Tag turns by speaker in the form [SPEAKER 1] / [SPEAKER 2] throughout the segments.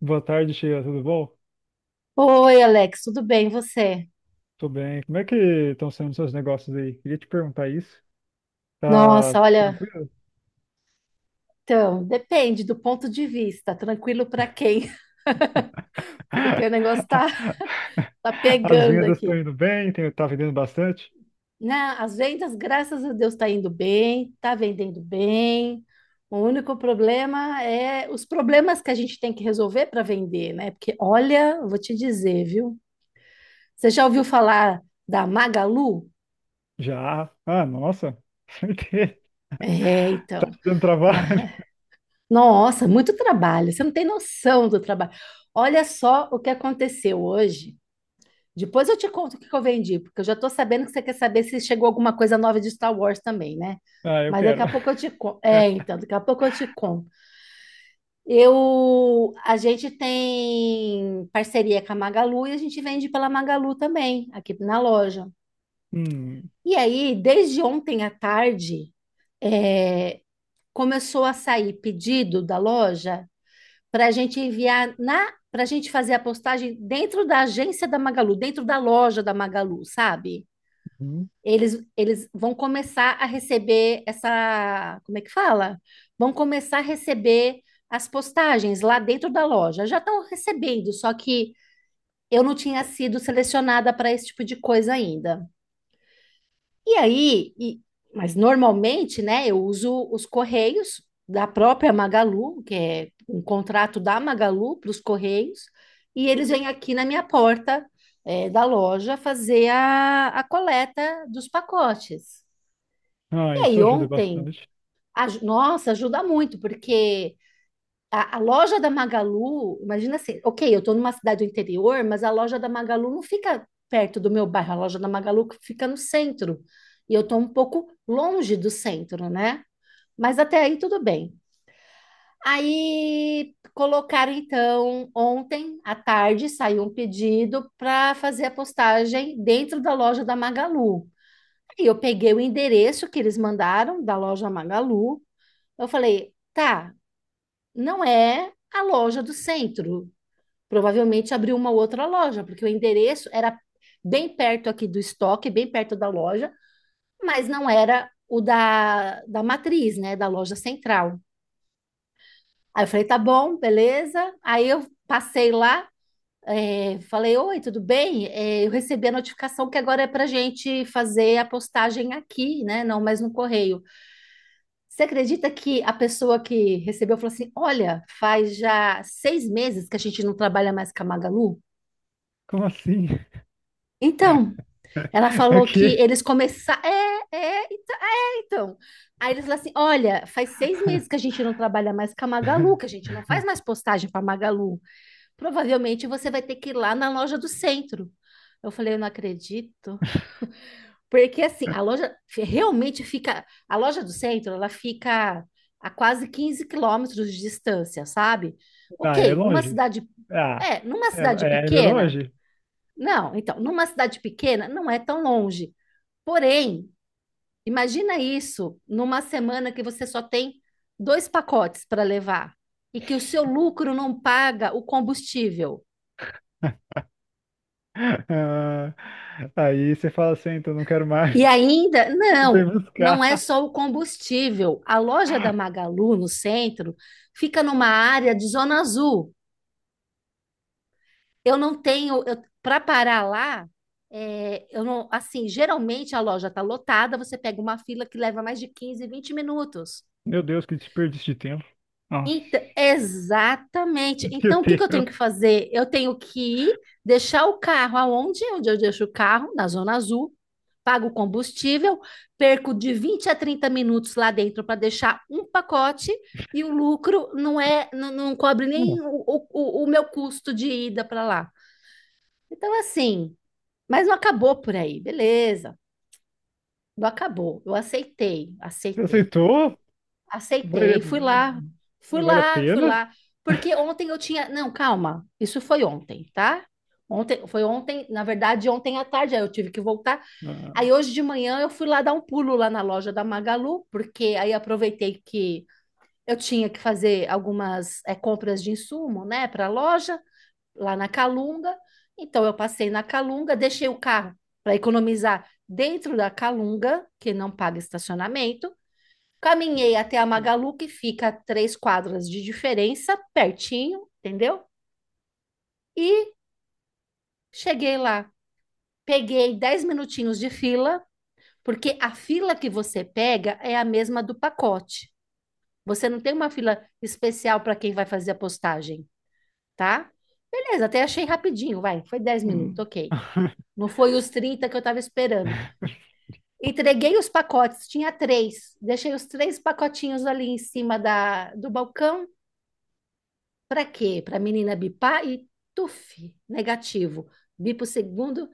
[SPEAKER 1] Boa tarde, Sheila. Tudo bom?
[SPEAKER 2] Oi, Alex, tudo bem, e você?
[SPEAKER 1] Tô bem. Como é que estão sendo seus negócios aí? Queria te perguntar isso. Tá
[SPEAKER 2] Nossa, olha,
[SPEAKER 1] tranquilo?
[SPEAKER 2] então, depende do ponto de vista, tranquilo para quem, porque o negócio tá, tá
[SPEAKER 1] As
[SPEAKER 2] pegando
[SPEAKER 1] vendas estão
[SPEAKER 2] aqui.
[SPEAKER 1] indo bem? Tem, tá vendendo bastante?
[SPEAKER 2] Né? As vendas, graças a Deus, tá indo bem, tá vendendo bem. O único problema é os problemas que a gente tem que resolver para vender, né? Porque, olha, eu vou te dizer, viu? Você já ouviu falar da Magalu?
[SPEAKER 1] Já. Ah, nossa. Certeza.
[SPEAKER 2] É,
[SPEAKER 1] Tá
[SPEAKER 2] então.
[SPEAKER 1] te dando trabalho?
[SPEAKER 2] Nossa, muito trabalho. Você não tem noção do trabalho. Olha só o que aconteceu hoje. Depois eu te conto o que que eu vendi, porque eu já estou sabendo que você quer saber se chegou alguma coisa nova de Star Wars também, né?
[SPEAKER 1] Ah, eu
[SPEAKER 2] Mas daqui
[SPEAKER 1] quero.
[SPEAKER 2] a pouco eu te conto. É, então, daqui a pouco eu te conto. A gente tem parceria com a Magalu e a gente vende pela Magalu também, aqui na loja.
[SPEAKER 1] Hum,
[SPEAKER 2] E aí, desde ontem à tarde, é, começou a sair pedido da loja para a gente fazer a postagem dentro da agência da Magalu, dentro da loja da Magalu, sabe?
[SPEAKER 1] hum.
[SPEAKER 2] Eles vão começar a receber essa, como é que fala? Vão começar a receber as postagens lá dentro da loja. Já estão recebendo, só que eu não tinha sido selecionada para esse tipo de coisa ainda. E aí, mas normalmente, né, eu uso os Correios da própria Magalu, que é um contrato da Magalu para os Correios, e eles vêm aqui na minha porta, da loja fazer a coleta dos pacotes.
[SPEAKER 1] Ah,
[SPEAKER 2] E
[SPEAKER 1] isso
[SPEAKER 2] aí,
[SPEAKER 1] ajuda
[SPEAKER 2] ontem,
[SPEAKER 1] bastante.
[SPEAKER 2] nossa, ajuda muito, porque a loja da Magalu, imagina assim, ok, eu estou numa cidade do interior, mas a loja da Magalu não fica perto do meu bairro, a loja da Magalu fica no centro. E eu estou um pouco longe do centro, né? Mas até aí tudo bem. Aí colocaram, então, ontem à tarde saiu um pedido para fazer a postagem dentro da loja da Magalu. Aí eu peguei o endereço que eles mandaram da loja Magalu. Eu falei, tá, não é a loja do centro. Provavelmente abriu uma outra loja, porque o endereço era bem perto aqui do estoque, bem perto da loja, mas não era o da matriz, né, da loja central. Aí eu falei, tá bom, beleza. Aí eu passei lá, falei, oi, tudo bem? É, eu recebi a notificação que agora é pra gente fazer a postagem aqui, né, não mais no correio. Você acredita que a pessoa que recebeu falou assim, olha, faz já 6 meses que a gente não trabalha mais com a Magalu?
[SPEAKER 1] Como assim?
[SPEAKER 2] Então, ela falou que
[SPEAKER 1] Aqui.
[SPEAKER 2] eles começaram. É, então. Aí eles falaram assim: olha, faz 6 meses que a gente não trabalha mais com a Magalu, que a gente não faz mais postagem para Magalu. Provavelmente você vai ter que ir lá na loja do centro. Eu falei: eu não acredito. Porque assim, realmente fica. A loja do centro, ela fica a quase 15 quilômetros de distância, sabe?
[SPEAKER 1] Ah, é
[SPEAKER 2] Ok, numa
[SPEAKER 1] longe?
[SPEAKER 2] cidade.
[SPEAKER 1] Ah,
[SPEAKER 2] É, numa
[SPEAKER 1] é,
[SPEAKER 2] cidade
[SPEAKER 1] é
[SPEAKER 2] pequena.
[SPEAKER 1] longe?
[SPEAKER 2] Não, então, numa cidade pequena não é tão longe. Porém, imagina isso numa semana que você só tem dois pacotes para levar e que o seu lucro não paga o combustível.
[SPEAKER 1] Ah, aí você fala assim, então não quero
[SPEAKER 2] E
[SPEAKER 1] mais.
[SPEAKER 2] ainda,
[SPEAKER 1] Vem
[SPEAKER 2] não, não
[SPEAKER 1] buscar.
[SPEAKER 2] é só o combustível. A loja da Magalu, no centro, fica numa área de zona azul. Eu não tenho, para parar lá, eu não, assim, geralmente a loja está lotada, você pega uma fila que leva mais de 15, 20 minutos.
[SPEAKER 1] Meu Deus, que desperdício de tempo. Nossa,
[SPEAKER 2] Então, exatamente.
[SPEAKER 1] meu
[SPEAKER 2] Então, o que que eu tenho
[SPEAKER 1] Deus.
[SPEAKER 2] que fazer? Eu tenho que deixar o carro aonde? Onde eu deixo o carro? Na Zona Azul. Pago o combustível, perco de 20 a 30 minutos lá dentro para deixar um pacote e o lucro não cobre nem o meu custo de ida para lá. Então, assim, mas não acabou por aí, beleza. Não acabou. Eu aceitei,
[SPEAKER 1] Você
[SPEAKER 2] aceitei.
[SPEAKER 1] aceitou? Vale,
[SPEAKER 2] Aceitei, fui lá, fui
[SPEAKER 1] vale a
[SPEAKER 2] lá, fui
[SPEAKER 1] pena?
[SPEAKER 2] lá. Porque ontem eu tinha. Não, calma, isso foi ontem, tá? Ontem, foi ontem, na verdade, ontem à tarde, aí eu tive que voltar.
[SPEAKER 1] Ah,
[SPEAKER 2] Aí hoje de manhã eu fui lá dar um pulo lá na loja da Magalu, porque aí aproveitei que eu tinha que fazer algumas compras de insumo, né, para a loja, lá na Calunga. Então eu passei na Calunga, deixei o carro para economizar dentro da Calunga, que não paga estacionamento. Caminhei até a Magalu, que fica a 3 quadras de diferença, pertinho, entendeu? E cheguei lá. Peguei 10 minutinhos de fila, porque a fila que você pega é a mesma do pacote. Você não tem uma fila especial para quem vai fazer a postagem, tá? Beleza, até achei rapidinho, vai. Foi 10 minutos,
[SPEAKER 1] hum.
[SPEAKER 2] ok. Não foi os 30 que eu estava esperando. Entreguei os pacotes, tinha três. Deixei os três pacotinhos ali em cima do balcão. Para quê? Para a menina bipar e tuf, negativo. Bipa o segundo,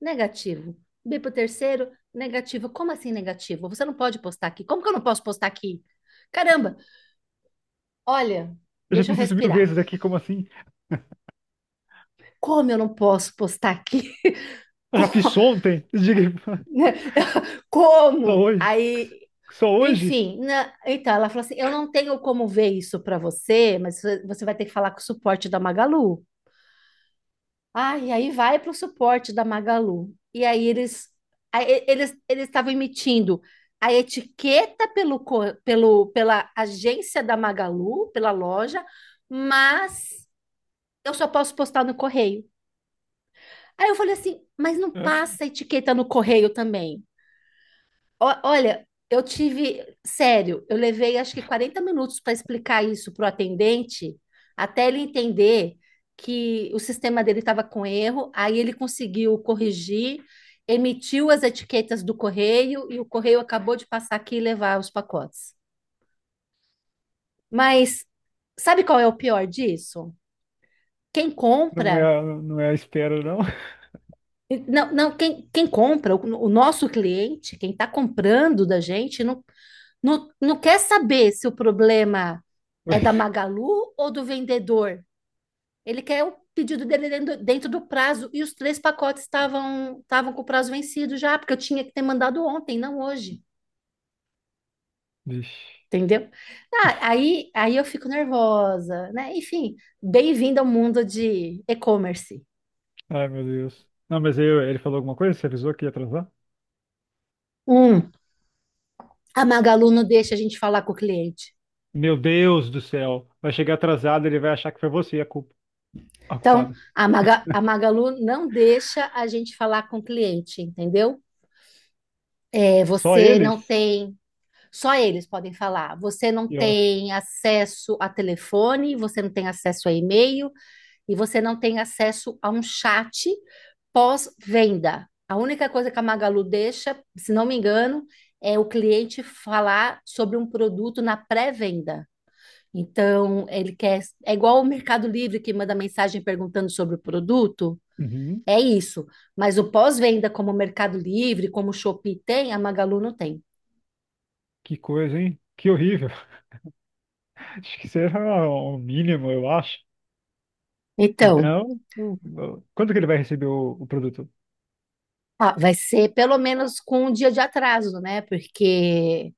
[SPEAKER 2] negativo. Bipa o terceiro, negativo. Como assim negativo? Você não pode postar aqui. Como que eu não posso postar aqui? Caramba, olha,
[SPEAKER 1] Eu já
[SPEAKER 2] deixa eu
[SPEAKER 1] fiz isso mil
[SPEAKER 2] respirar.
[SPEAKER 1] vezes aqui, como assim?
[SPEAKER 2] Como eu não posso postar aqui?
[SPEAKER 1] Eu já fiz ontem. Diga,
[SPEAKER 2] Né?
[SPEAKER 1] só
[SPEAKER 2] Como?
[SPEAKER 1] hoje.
[SPEAKER 2] Aí,
[SPEAKER 1] Só hoje?
[SPEAKER 2] enfim, então ela falou assim: eu não tenho como ver isso para você, mas você vai ter que falar com o suporte da Magalu. Ah, e aí vai para o suporte da Magalu. E aí eles aí e- eles eles estavam emitindo a etiqueta pelo pela agência da Magalu, pela loja, mas eu só posso postar no correio. Aí eu falei assim, mas não
[SPEAKER 1] Ah,
[SPEAKER 2] passa a etiqueta no correio também. Olha, eu tive, sério, eu levei acho que 40 minutos para explicar isso para o atendente, até ele entender que o sistema dele estava com erro, aí ele conseguiu corrigir, emitiu as etiquetas do correio e o correio acabou de passar aqui e levar os pacotes. Mas sabe qual é o pior disso? Quem
[SPEAKER 1] não é,
[SPEAKER 2] compra,
[SPEAKER 1] não é a espera, não.
[SPEAKER 2] não, não, quem, quem compra, o nosso cliente, quem está comprando da gente, não quer saber se o problema é da
[SPEAKER 1] Pois,
[SPEAKER 2] Magalu ou do vendedor. Ele quer o pedido dele dentro do prazo. E os três pacotes estavam com o prazo vencido já, porque eu tinha que ter mandado ontem, não hoje.
[SPEAKER 1] vixe.
[SPEAKER 2] Entendeu? Ah, aí eu fico nervosa, né? Enfim, bem-vindo ao mundo de e-commerce.
[SPEAKER 1] Ai, meu Deus. Não, mas aí ele falou alguma coisa? Você avisou que ia atrasar?
[SPEAKER 2] Um, a Magalu não deixa a gente falar com o cliente.
[SPEAKER 1] Meu Deus do céu. Vai chegar atrasado, ele vai achar que foi você a
[SPEAKER 2] Então,
[SPEAKER 1] culpada.
[SPEAKER 2] a Magalu não deixa a gente falar com o cliente, entendeu? É,
[SPEAKER 1] Só
[SPEAKER 2] você não
[SPEAKER 1] eles?
[SPEAKER 2] tem. Só eles podem falar. Você não
[SPEAKER 1] Que ótimo.
[SPEAKER 2] tem acesso a telefone, você não tem acesso a e-mail e você não tem acesso a um chat pós-venda. A única coisa que a Magalu deixa, se não me engano, é o cliente falar sobre um produto na pré-venda. Então, ele quer. É igual o Mercado Livre que manda mensagem perguntando sobre o produto.
[SPEAKER 1] Uhum.
[SPEAKER 2] É isso. Mas o pós-venda, como o Mercado Livre, como o Shopee tem, a Magalu não tem.
[SPEAKER 1] Que coisa, hein? Que horrível. Acho que será o mínimo, eu acho.
[SPEAKER 2] Então,
[SPEAKER 1] Então, quando que ele vai receber o produto?
[SPEAKER 2] ah, vai ser pelo menos com um dia de atraso, né? Porque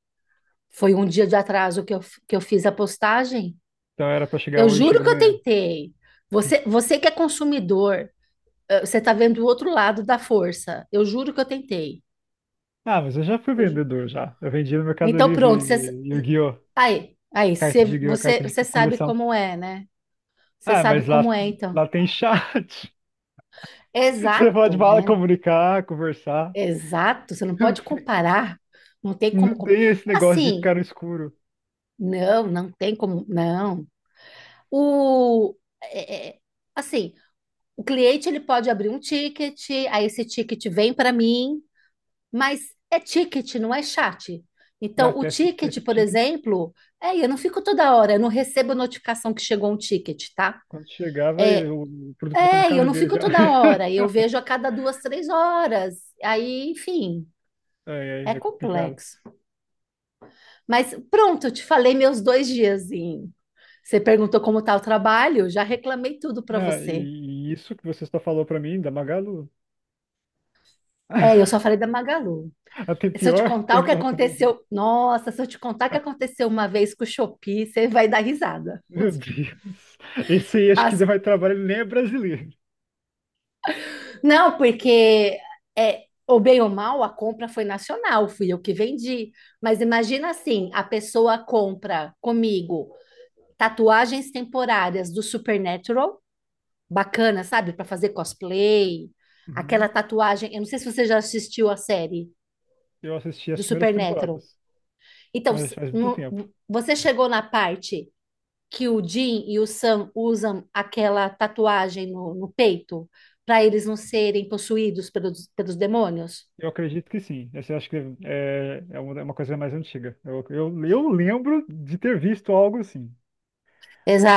[SPEAKER 2] foi um dia de atraso que eu fiz a postagem.
[SPEAKER 1] Então era para chegar
[SPEAKER 2] Eu
[SPEAKER 1] hoje,
[SPEAKER 2] juro
[SPEAKER 1] chega
[SPEAKER 2] que eu
[SPEAKER 1] amanhã.
[SPEAKER 2] tentei. Você que é consumidor, você tá vendo o outro lado da força. Eu juro que eu tentei.
[SPEAKER 1] Ah, mas eu já fui
[SPEAKER 2] Eu ju-
[SPEAKER 1] vendedor já. Eu vendi no Mercado
[SPEAKER 2] Então,
[SPEAKER 1] Livre
[SPEAKER 2] pronto. Você,
[SPEAKER 1] Yu-Gi-Oh!
[SPEAKER 2] aí, aí,
[SPEAKER 1] Carta
[SPEAKER 2] você,
[SPEAKER 1] de Yu-Gi-Oh!
[SPEAKER 2] você,
[SPEAKER 1] Carta de
[SPEAKER 2] você sabe
[SPEAKER 1] coleção.
[SPEAKER 2] como é, né? Você
[SPEAKER 1] Ah,
[SPEAKER 2] sabe
[SPEAKER 1] mas lá,
[SPEAKER 2] como é, então.
[SPEAKER 1] lá tem chat. Você pode
[SPEAKER 2] Exato,
[SPEAKER 1] falar,
[SPEAKER 2] né?
[SPEAKER 1] comunicar, conversar.
[SPEAKER 2] Exato. Você não pode comparar. Não tem
[SPEAKER 1] Não
[SPEAKER 2] como comparar.
[SPEAKER 1] tem esse negócio de
[SPEAKER 2] Assim,
[SPEAKER 1] ficar no escuro.
[SPEAKER 2] não, não tem como. Não. O, é, é, assim, O cliente ele pode abrir um ticket, aí esse ticket vem para mim, mas é ticket, não é chat.
[SPEAKER 1] Já
[SPEAKER 2] Então, o
[SPEAKER 1] teste,
[SPEAKER 2] ticket,
[SPEAKER 1] teste
[SPEAKER 2] por
[SPEAKER 1] ticket.
[SPEAKER 2] exemplo, eu não fico toda hora, eu não recebo notificação que chegou um ticket, tá?
[SPEAKER 1] Quando chegava, o produto vai estar na
[SPEAKER 2] É, eu
[SPEAKER 1] casa
[SPEAKER 2] não
[SPEAKER 1] dele
[SPEAKER 2] fico
[SPEAKER 1] já.
[SPEAKER 2] toda hora, eu vejo a cada 2, 3 horas. Aí, enfim,
[SPEAKER 1] É,
[SPEAKER 2] é
[SPEAKER 1] é, é complicado.
[SPEAKER 2] complexo. Mas pronto, eu te falei meus dois diazinhos. Você perguntou como tá o trabalho, já reclamei tudo para
[SPEAKER 1] Né,
[SPEAKER 2] você.
[SPEAKER 1] e isso que você só falou pra mim, da Magalu.
[SPEAKER 2] É, eu só falei da Magalu.
[SPEAKER 1] Até
[SPEAKER 2] Se eu te
[SPEAKER 1] pior.
[SPEAKER 2] contar o que aconteceu, nossa, se eu te contar o que aconteceu uma vez com o Shopee, você vai dar risada.
[SPEAKER 1] Meu Deus. Esse aí acho que
[SPEAKER 2] As-
[SPEAKER 1] deu mais trabalho, ele nem é brasileiro.
[SPEAKER 2] Não, porque ou bem ou mal, a compra foi nacional, fui eu que vendi. Mas imagina assim, a pessoa compra comigo tatuagens temporárias do Supernatural, bacana, sabe? Para fazer cosplay, aquela
[SPEAKER 1] Uhum.
[SPEAKER 2] tatuagem, eu não sei se você já assistiu a série
[SPEAKER 1] Eu assisti
[SPEAKER 2] do
[SPEAKER 1] as primeiras
[SPEAKER 2] Supernatural.
[SPEAKER 1] temporadas,
[SPEAKER 2] Então,
[SPEAKER 1] mas faz muito tempo.
[SPEAKER 2] você chegou na parte que o Jim e o Sam usam aquela tatuagem no peito para eles não serem possuídos pelos demônios?
[SPEAKER 1] Eu acredito que sim. Essa eu acho que é, é uma coisa mais antiga. Eu lembro de ter visto algo assim.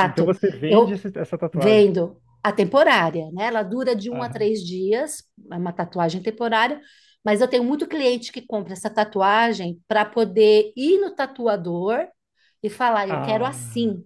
[SPEAKER 1] Então você vende
[SPEAKER 2] Eu
[SPEAKER 1] essa tatuagem.
[SPEAKER 2] vendo a temporária, né? Ela dura de 1 a 3 dias, é uma tatuagem temporária, mas eu tenho muito cliente que compra essa tatuagem para poder ir no tatuador e falar: eu quero
[SPEAKER 1] Ah,
[SPEAKER 2] assim,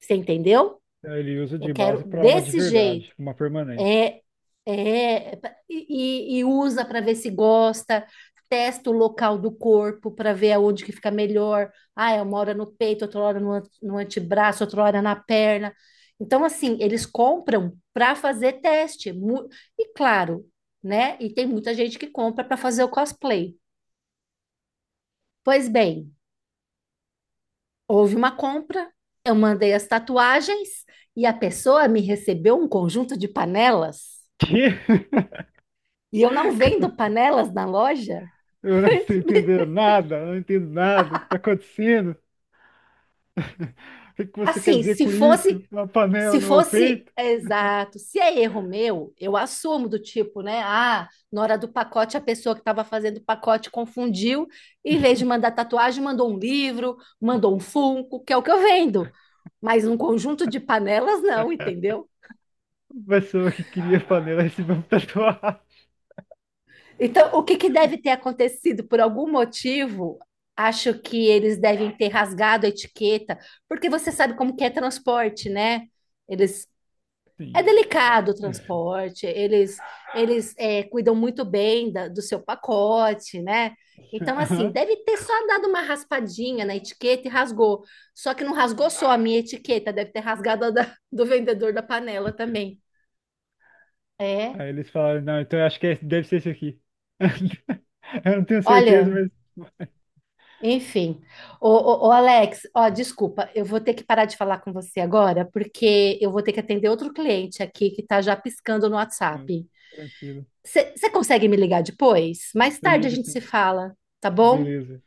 [SPEAKER 2] você entendeu?
[SPEAKER 1] ele usa
[SPEAKER 2] Eu
[SPEAKER 1] de
[SPEAKER 2] quero
[SPEAKER 1] base para uma de
[SPEAKER 2] desse jeito.
[SPEAKER 1] verdade, uma permanente.
[SPEAKER 2] É, é, e usa para ver se gosta, testa o local do corpo para ver aonde que fica melhor. Ah, é uma hora no peito, outra hora no antebraço, outra hora na perna. Então, assim, eles compram para fazer teste. E claro, né? E tem muita gente que compra para fazer o cosplay. Pois bem, houve uma compra, eu mandei as tatuagens e a pessoa me recebeu um conjunto de panelas.
[SPEAKER 1] Que?
[SPEAKER 2] E eu não vendo panelas na loja.
[SPEAKER 1] Eu não estou entendendo nada, eu não entendo nada. O que está acontecendo? O que que você quer
[SPEAKER 2] Assim,
[SPEAKER 1] dizer
[SPEAKER 2] se
[SPEAKER 1] com
[SPEAKER 2] fosse,
[SPEAKER 1] isso? Uma panela
[SPEAKER 2] se
[SPEAKER 1] no meu
[SPEAKER 2] fosse
[SPEAKER 1] peito?
[SPEAKER 2] exato, se é erro meu, eu assumo do tipo, né? Ah, na hora do pacote, a pessoa que estava fazendo o pacote confundiu, em vez de mandar tatuagem, mandou um livro, mandou um Funko, que é o que eu vendo. Mas um conjunto de panelas, não, entendeu?
[SPEAKER 1] A pessoa que queria panela recebeu uma tatuagem.
[SPEAKER 2] Então, o que que deve ter acontecido? Por algum motivo, acho que eles devem ter rasgado a etiqueta, porque você sabe como que é transporte, né? Eles
[SPEAKER 1] Sim,
[SPEAKER 2] É
[SPEAKER 1] é.
[SPEAKER 2] delicado o transporte, eles cuidam muito bem do seu pacote, né? Então, assim,
[SPEAKER 1] Aham.
[SPEAKER 2] deve ter só dado uma raspadinha na etiqueta e rasgou. Só que não rasgou só a minha etiqueta, deve ter rasgado do vendedor da panela também. É.
[SPEAKER 1] Aí eles falaram, não, então eu acho que deve ser isso aqui. Eu não tenho certeza,
[SPEAKER 2] Olha,
[SPEAKER 1] mas.
[SPEAKER 2] enfim. Ô, ô, ô, Alex, ó, desculpa, eu vou ter que parar de falar com você agora, porque eu vou ter que atender outro cliente aqui que tá já piscando no
[SPEAKER 1] Não,
[SPEAKER 2] WhatsApp.
[SPEAKER 1] tranquilo.
[SPEAKER 2] Você consegue me ligar depois? Mais
[SPEAKER 1] Eu
[SPEAKER 2] tarde a
[SPEAKER 1] ligo
[SPEAKER 2] gente se
[SPEAKER 1] sim.
[SPEAKER 2] fala, tá bom?
[SPEAKER 1] Beleza.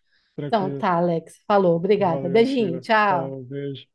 [SPEAKER 2] Então
[SPEAKER 1] Tranquilo.
[SPEAKER 2] tá, Alex. Falou, obrigada.
[SPEAKER 1] Valeu,
[SPEAKER 2] Beijinho,
[SPEAKER 1] Sheila.
[SPEAKER 2] tchau.
[SPEAKER 1] Falou, beijo.